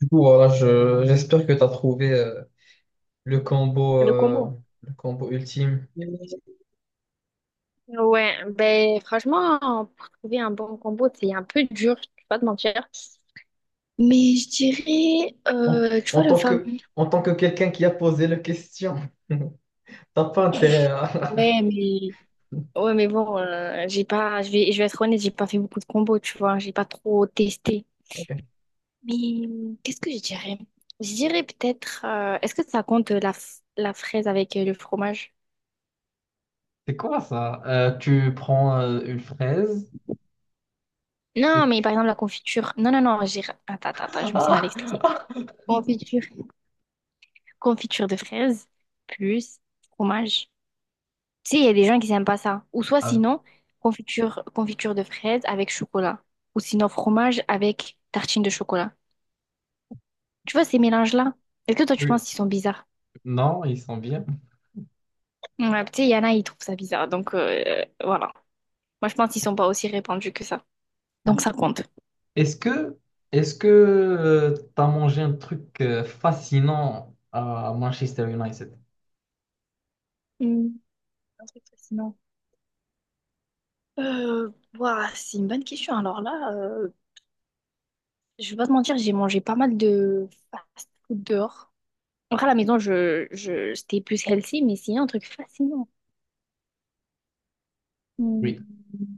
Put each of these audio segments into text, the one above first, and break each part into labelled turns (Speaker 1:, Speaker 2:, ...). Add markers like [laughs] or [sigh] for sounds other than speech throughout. Speaker 1: Du coup, voilà, j'espère que tu as trouvé le combo,
Speaker 2: Le
Speaker 1: euh,
Speaker 2: combo.
Speaker 1: le combo ultime.
Speaker 2: Ouais, ben franchement, pour trouver un bon combo, c'est un peu dur, je vais pas te mentir. Mais je dirais,
Speaker 1: En,
Speaker 2: tu
Speaker 1: en
Speaker 2: vois, le
Speaker 1: tant que,
Speaker 2: fameux.
Speaker 1: en tant que quelqu'un qui a posé la question, [laughs] t'as pas intérêt à... [laughs]
Speaker 2: Ouais, mais, ouais, mais bon, j'ai pas, je vais être honnête, j'ai pas fait beaucoup de combos, tu vois, j'ai pas trop testé.
Speaker 1: Ok.
Speaker 2: Mais qu'est-ce que je dirais? Je dirais peut-être, est-ce que ça compte la fraise avec le fromage?
Speaker 1: C'est quoi ça? Tu prends une fraise et
Speaker 2: Non, mais
Speaker 1: tu...
Speaker 2: par exemple, la confiture. Non, non, non, j'ai. Attends, attends, attends, je me suis mal expliquée.
Speaker 1: Ah! [laughs]
Speaker 2: Confiture. Confiture de fraise plus fromage. Tu sais, il y a des gens qui n'aiment pas ça. Ou soit
Speaker 1: Ah,
Speaker 2: sinon, confiture de fraises avec chocolat. Ou sinon, fromage avec tartine de chocolat. Tu vois, ces mélanges-là, est-ce que toi, tu
Speaker 1: oui.
Speaker 2: penses qu'ils sont bizarres?
Speaker 1: Non, ils sont bien.
Speaker 2: Ouais, tu sais, il y en a, ils trouvent ça bizarre. Donc, voilà. Moi, je pense qu'ils sont pas aussi répandus que ça. Donc, ça compte.
Speaker 1: Est-ce que est-ce que tu t'as mangé un truc fascinant à Manchester United?
Speaker 2: Hmm, un truc fascinant. Euh, ouah, c'est une bonne question. Alors là, je vais pas te mentir, j'ai mangé pas mal de fast-food dehors. Après, à la maison, c'était plus healthy, mais sinon, un truc fascinant. Hmm.
Speaker 1: Oui.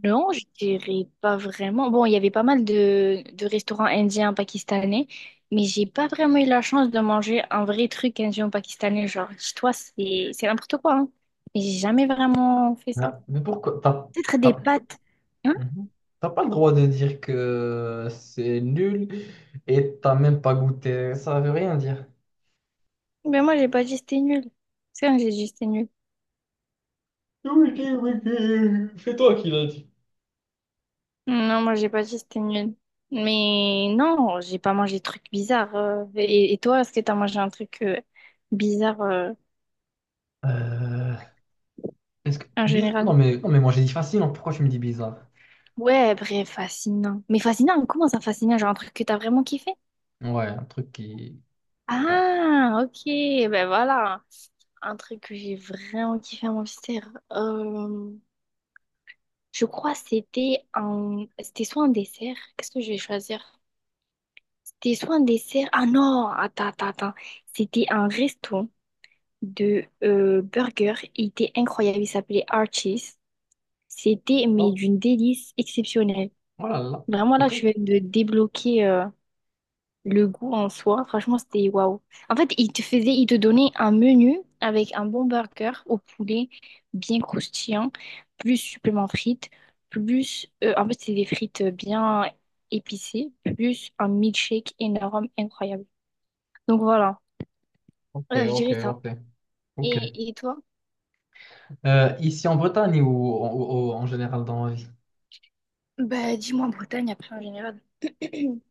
Speaker 2: Non, je dirais pas vraiment. Bon, il y avait pas mal de restaurants indiens, pakistanais, mais j'ai pas vraiment eu la chance de manger un vrai truc indien, pakistanais. Genre, chez toi, c'est n'importe quoi, hein. Mais j'ai jamais vraiment fait ça.
Speaker 1: Ah, mais pourquoi
Speaker 2: Peut-être des
Speaker 1: t'as-
Speaker 2: pâtes. Hein?
Speaker 1: Mhm. T'as pas le droit de dire que c'est nul et t'as même pas goûté. Ça veut rien dire.
Speaker 2: Mais moi, j'ai pas dit c'était nul. C'est vrai que j'ai dit c'était nul.
Speaker 1: Oui, oui, oui, oui. C'est toi qui l'as dit.
Speaker 2: Non, moi, j'ai pas dit c'était nul. Mais non, j'ai pas mangé de trucs bizarres. Et toi, est-ce que t'as mangé un truc bizarre
Speaker 1: Euh, est-ce que...
Speaker 2: en
Speaker 1: Non
Speaker 2: général?
Speaker 1: mais, non mais moi j'ai dit facile, hein. Pourquoi tu me dis bizarre?
Speaker 2: Ouais, bref, fascinant. Mais fascinant, comment ça fascinant? Genre un truc que t'as vraiment kiffé?
Speaker 1: Ouais, un truc qui... Ouais.
Speaker 2: Ah, ok, ben voilà. Un truc que j'ai vraiment kiffé à mon dessert. Je crois que c'était un... C'était soit un dessert. Qu'est-ce que je vais choisir? C'était soit un dessert. Ah non, attends, attends, attends. C'était un resto de burger. Il était incroyable. Il s'appelait Archie's. C'était, mais
Speaker 1: Oh,
Speaker 2: d'une délice exceptionnelle.
Speaker 1: oh là là.
Speaker 2: Vraiment, là,
Speaker 1: Ok,
Speaker 2: je viens de débloquer. Le goût en soi, franchement, c'était waouh. En fait, il te donnait un menu avec un bon burger au poulet, bien croustillant, plus supplément frites, plus, en fait, c'est des frites bien épicées, plus un milkshake énorme, incroyable. Donc voilà.
Speaker 1: ok,
Speaker 2: Je
Speaker 1: ok,
Speaker 2: dirais ça.
Speaker 1: ok.
Speaker 2: Et,
Speaker 1: Ok.
Speaker 2: et toi?
Speaker 1: Ici en Bretagne ou, ou en général dans la vie?
Speaker 2: Bah, dis-moi en Bretagne après en général. [clears throat]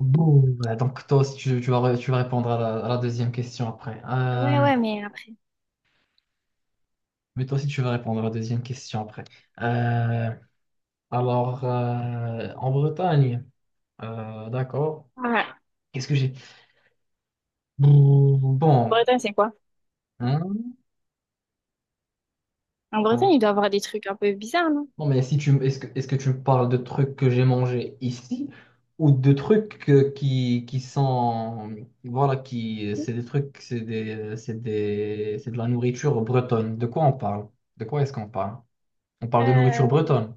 Speaker 1: Bon, ouais, donc toi aussi tu vas, tu vas répondre à à la deuxième question après.
Speaker 2: Ouais, ouais, mais après.
Speaker 1: Mais toi aussi, tu vas répondre à la deuxième question après. Euh, en Bretagne, d'accord.
Speaker 2: Ouais.
Speaker 1: Qu'est-ce que j'ai? Bon,
Speaker 2: Bretagne, c'est quoi?
Speaker 1: hein?
Speaker 2: En Bretagne,
Speaker 1: Non,
Speaker 2: il doit y avoir des trucs un peu bizarres, non?
Speaker 1: non, mais si tu, est-ce que tu me parles de trucs que j'ai mangés ici ou de trucs qui sont, voilà, c'est des trucs, c'est de la nourriture bretonne. De quoi on parle? De quoi est-ce qu'on parle? On parle de nourriture
Speaker 2: Euh,
Speaker 1: bretonne.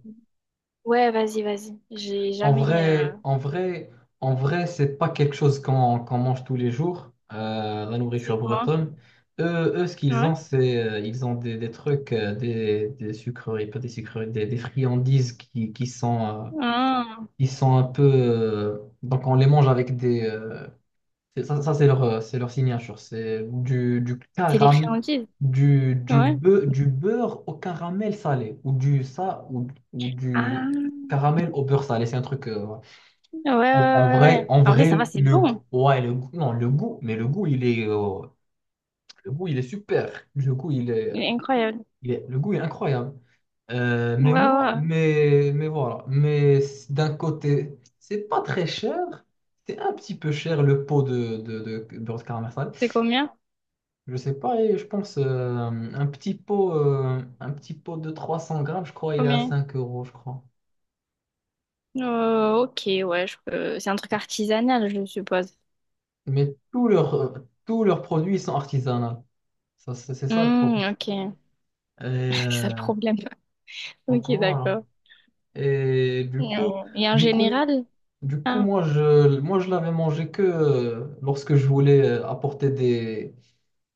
Speaker 2: ouais, vas-y, vas-y. J'ai
Speaker 1: En
Speaker 2: jamais.
Speaker 1: vrai, en vrai, en vrai, c'est pas quelque chose qu'on mange tous les jours, la
Speaker 2: C'est
Speaker 1: nourriture
Speaker 2: quoi?
Speaker 1: bretonne. Eux, ce qu'ils
Speaker 2: Ouais.
Speaker 1: ont, c'est ils ont des trucs, des sucreries, pas des sucreries, des friandises
Speaker 2: Ah,
Speaker 1: qui sont un peu. Donc on les mange avec des. Ça, c'est c'est leur signature. C'est du
Speaker 2: c'est des
Speaker 1: caram,
Speaker 2: friandises. Ouais.
Speaker 1: du beurre au caramel salé, ou du ça, ou du
Speaker 2: Ah,
Speaker 1: caramel au beurre salé. C'est un truc.
Speaker 2: ouais.
Speaker 1: En
Speaker 2: En vrai, ça va,
Speaker 1: vrai,
Speaker 2: c'est
Speaker 1: le
Speaker 2: bon.
Speaker 1: goût, ouais, le goût, non, le goût, mais le goût, le goût, il est super.
Speaker 2: Il est incroyable.
Speaker 1: Le goût, il est incroyable.
Speaker 2: Ouais, ouais.
Speaker 1: Mais voilà. Mais d'un côté, c'est pas très cher. C'est un petit peu cher le pot beurre de caramel salé.
Speaker 2: C'est combien?
Speaker 1: Je sais pas, et je pense un petit pot de 300 grammes, je crois, il est à
Speaker 2: Combien?
Speaker 1: 5 euros, je crois.
Speaker 2: Ok, ouais, je peux... C'est un truc artisanal, je suppose.
Speaker 1: Tous leurs produits, ils sont artisanaux. Ça, c'est ça le
Speaker 2: Hmm,
Speaker 1: problème.
Speaker 2: ok.
Speaker 1: Elle est
Speaker 2: [laughs] C'est ça le problème. [laughs]
Speaker 1: en
Speaker 2: Ok,
Speaker 1: courant alors.
Speaker 2: d'accord.
Speaker 1: Et
Speaker 2: Non. Et en
Speaker 1: du coup,
Speaker 2: général?
Speaker 1: du coup,
Speaker 2: Ah,
Speaker 1: moi je l'avais mangé que lorsque je voulais apporter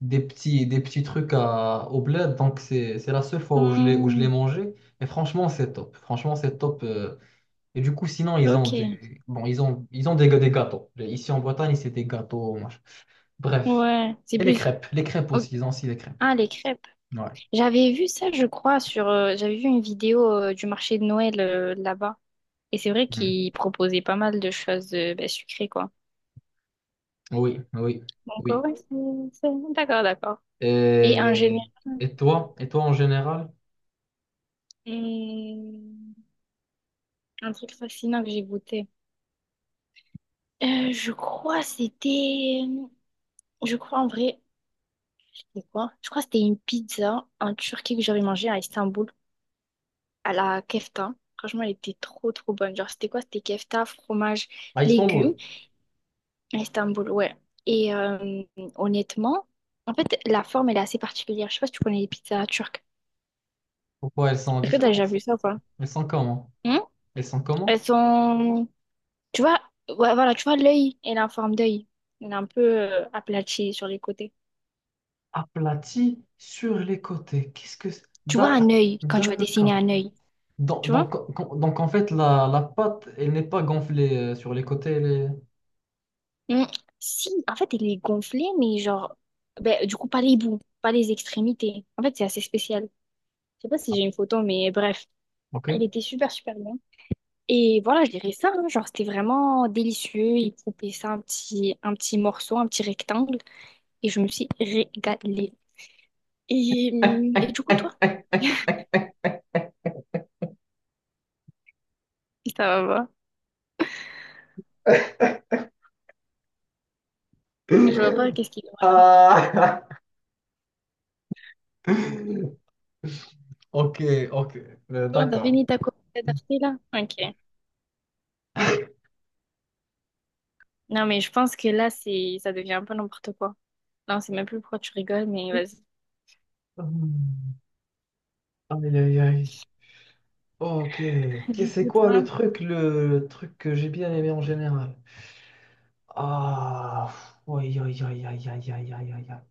Speaker 1: des petits trucs à, au bled. Donc c'est la seule fois où je l'ai
Speaker 2: hmm,
Speaker 1: mangé. Et franchement, c'est top. Franchement, c'est top. Et du coup, sinon
Speaker 2: ok.
Speaker 1: ils ont des gâteaux. Ici en Bretagne, c'est des gâteaux. Machin. Bref.
Speaker 2: Ouais, c'est
Speaker 1: Et
Speaker 2: plus...
Speaker 1: les crêpes
Speaker 2: ok.
Speaker 1: aussi. Ils ont aussi les crêpes.
Speaker 2: Ah, les crêpes.
Speaker 1: Ouais.
Speaker 2: J'avais vu ça, je crois, sur... j'avais vu une vidéo du marché de Noël là-bas. Et c'est vrai
Speaker 1: Mm.
Speaker 2: qu'il proposait pas mal de choses ben, sucrées, quoi.
Speaker 1: Oui, oui,
Speaker 2: Donc,
Speaker 1: oui.
Speaker 2: ouais, c'est... D'accord, d'accord. Et en
Speaker 1: Et,
Speaker 2: général,
Speaker 1: et toi en général,
Speaker 2: c'est un truc fascinant que j'ai goûté. Je crois c'était... Je crois en vrai... C'était quoi? Je crois que c'était une pizza en Turquie que j'avais mangée à Istanbul, à la kefta. Franchement, elle était trop bonne. Genre, c'était quoi? C'était kefta, fromage,
Speaker 1: à
Speaker 2: légumes,
Speaker 1: Istanbul,
Speaker 2: à Istanbul, ouais. Et honnêtement, en fait, la forme, elle est assez particulière. Je sais pas si tu connais les pizzas turques.
Speaker 1: pourquoi elles sont
Speaker 2: Est-ce que t'as déjà
Speaker 1: différentes?
Speaker 2: vu ça ou pas?
Speaker 1: Elles sont comment?
Speaker 2: Hmm.
Speaker 1: Elles sont comment?
Speaker 2: Elles sont... Tu vois, ouais, voilà, tu vois l'œil, elle est en forme d'œil. Elle est un peu aplatie sur les côtés.
Speaker 1: Aplaties sur les côtés. Qu'est-ce que c'est
Speaker 2: Tu vois un œil quand tu vas dessiner
Speaker 1: D'accord.
Speaker 2: un œil, tu vois?
Speaker 1: En fait, la pâte, elle n'est pas gonflée sur les côtés. Elle est-
Speaker 2: Hmm. Si, en fait, elle est gonflée, mais genre... Ben, du coup, pas les bouts, pas les extrémités. En fait, c'est assez spécial. Je sais pas si
Speaker 1: Ah,
Speaker 2: j'ai une photo, mais bref. Elle
Speaker 1: ok.
Speaker 2: était super bien. Et voilà, je dirais ça, hein, genre c'était vraiment délicieux. Ils coupaient ça un petit morceau, un petit rectangle. Et je me suis régalée. Et du coup, toi, ça va pas. Je vois pas qu'est-ce qu'il y a là.
Speaker 1: Ah. [laughs] Ok, ok.
Speaker 2: Bon, t'as
Speaker 1: D'accord.
Speaker 2: fini ta copie d'Arte là? Ok. Non, mais je pense que là, c'est, ça devient un peu n'importe quoi. Non, c'est même plus pourquoi tu rigoles, mais vas-y.
Speaker 1: Hum, aïe, aïe, aïe. Ok. C'est quoi le
Speaker 2: Écoute-moi.
Speaker 1: truc, le truc que j'ai bien aimé en général? Ah, aïe, aïe, aïe, aïe, aïe, aïe, aïe, aïe. Aïe.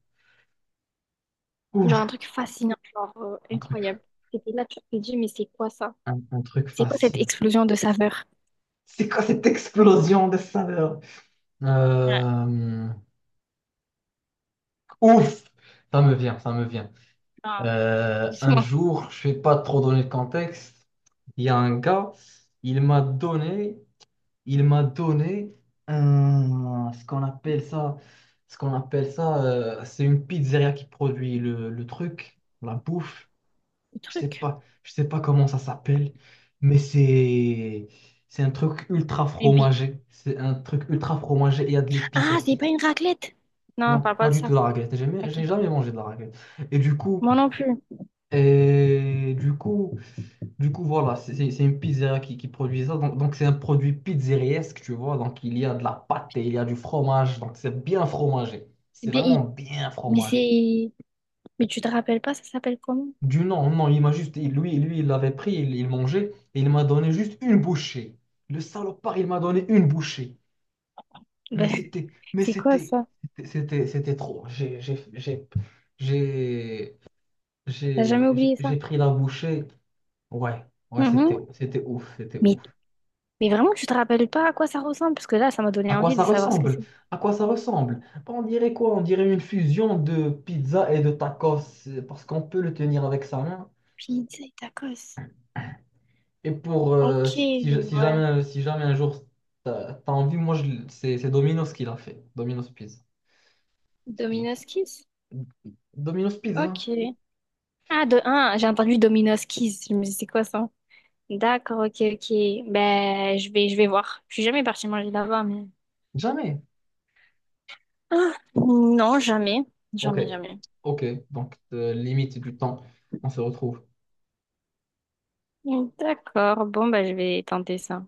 Speaker 1: Ouf,
Speaker 2: Genre un truc fascinant, genre
Speaker 1: un truc,
Speaker 2: incroyable. C'était là, tu te dis, mais c'est quoi ça?
Speaker 1: un truc
Speaker 2: C'est quoi cette
Speaker 1: facile.
Speaker 2: explosion de saveurs?
Speaker 1: C'est quoi cette explosion de saveurs?
Speaker 2: Ouais.
Speaker 1: Euh, ouf, ça me vient.
Speaker 2: Non,
Speaker 1: Un
Speaker 2: doucement.
Speaker 1: jour, je vais pas trop donner le contexte. Il y a un gars, il m'a donné, il m'a donné un, ce qu'on appelle ça, c'est une pizzeria qui produit le truc, la bouffe.
Speaker 2: Le truc.
Speaker 1: Je sais pas comment ça s'appelle, mais c'est un truc ultra
Speaker 2: Une bille.
Speaker 1: fromagé. C'est un truc ultra fromagé. Il y a de l'épice
Speaker 2: Ah, c'est
Speaker 1: aussi.
Speaker 2: pas une raclette! Non, on
Speaker 1: Non,
Speaker 2: parle pas
Speaker 1: pas
Speaker 2: de
Speaker 1: du tout
Speaker 2: ça.
Speaker 1: de la raclette.
Speaker 2: Ok.
Speaker 1: J'ai jamais mangé de la raclette. Et
Speaker 2: Moi non plus.
Speaker 1: et du coup, du coup, voilà, c'est une pizzeria qui produit ça. Donc c'est un produit pizzeriesque, tu vois. Donc, il y a de la pâte et il y a du fromage. Donc, c'est bien fromagé.
Speaker 2: Eh
Speaker 1: C'est
Speaker 2: bien,
Speaker 1: vraiment
Speaker 2: il-
Speaker 1: bien
Speaker 2: mais
Speaker 1: fromagé.
Speaker 2: c'est. Mais tu te rappelles pas, ça s'appelle comment?
Speaker 1: Du non, non, il m'a juste, il- lui, il l'avait pris, il mangeait, et il m'a donné juste une bouchée. Le salopard, il m'a donné une bouchée. Mais
Speaker 2: Ben,
Speaker 1: c'était,
Speaker 2: [laughs]
Speaker 1: mais
Speaker 2: c'est quoi
Speaker 1: c'était,
Speaker 2: ça?
Speaker 1: c'était, c'était c'était trop. J'ai,
Speaker 2: T'as jamais oublié ça?
Speaker 1: j'ai pris la bouchée. Ouais, ouais,
Speaker 2: Mhm.
Speaker 1: c'était ouf, c'était
Speaker 2: Mais,
Speaker 1: ouf.
Speaker 2: mais vraiment, tu te rappelles pas à quoi ça ressemble? Parce que là, ça m'a donné
Speaker 1: À quoi
Speaker 2: envie de
Speaker 1: ça
Speaker 2: savoir ce que
Speaker 1: ressemble?
Speaker 2: c'est.
Speaker 1: À quoi ça ressemble? Bah, on dirait quoi? On dirait une fusion de pizza et de tacos, parce qu'on peut le tenir avec sa main.
Speaker 2: Pizza et tacos.
Speaker 1: Et pour
Speaker 2: Ok,
Speaker 1: si
Speaker 2: ouais.
Speaker 1: jamais si jamais un jour t'as t'as envie, c'est Domino's qui l'a fait. Domino's Pizza. Qui,
Speaker 2: Domino's
Speaker 1: qui-
Speaker 2: Kiss?
Speaker 1: Domino's Pizza?
Speaker 2: Ok. Ah, de un, j'ai entendu Domino's Kiss. Je me dis, c'est quoi ça? D'accord, ok, ok. Ben, je vais voir. Je suis jamais partie manger là-bas, mais.
Speaker 1: Jamais.
Speaker 2: Ah, non, jamais.
Speaker 1: Ok.
Speaker 2: Jamais, jamais.
Speaker 1: Ok. Donc limite du temps, on se retrouve.
Speaker 2: D'accord, bon, bah, je vais tenter ça.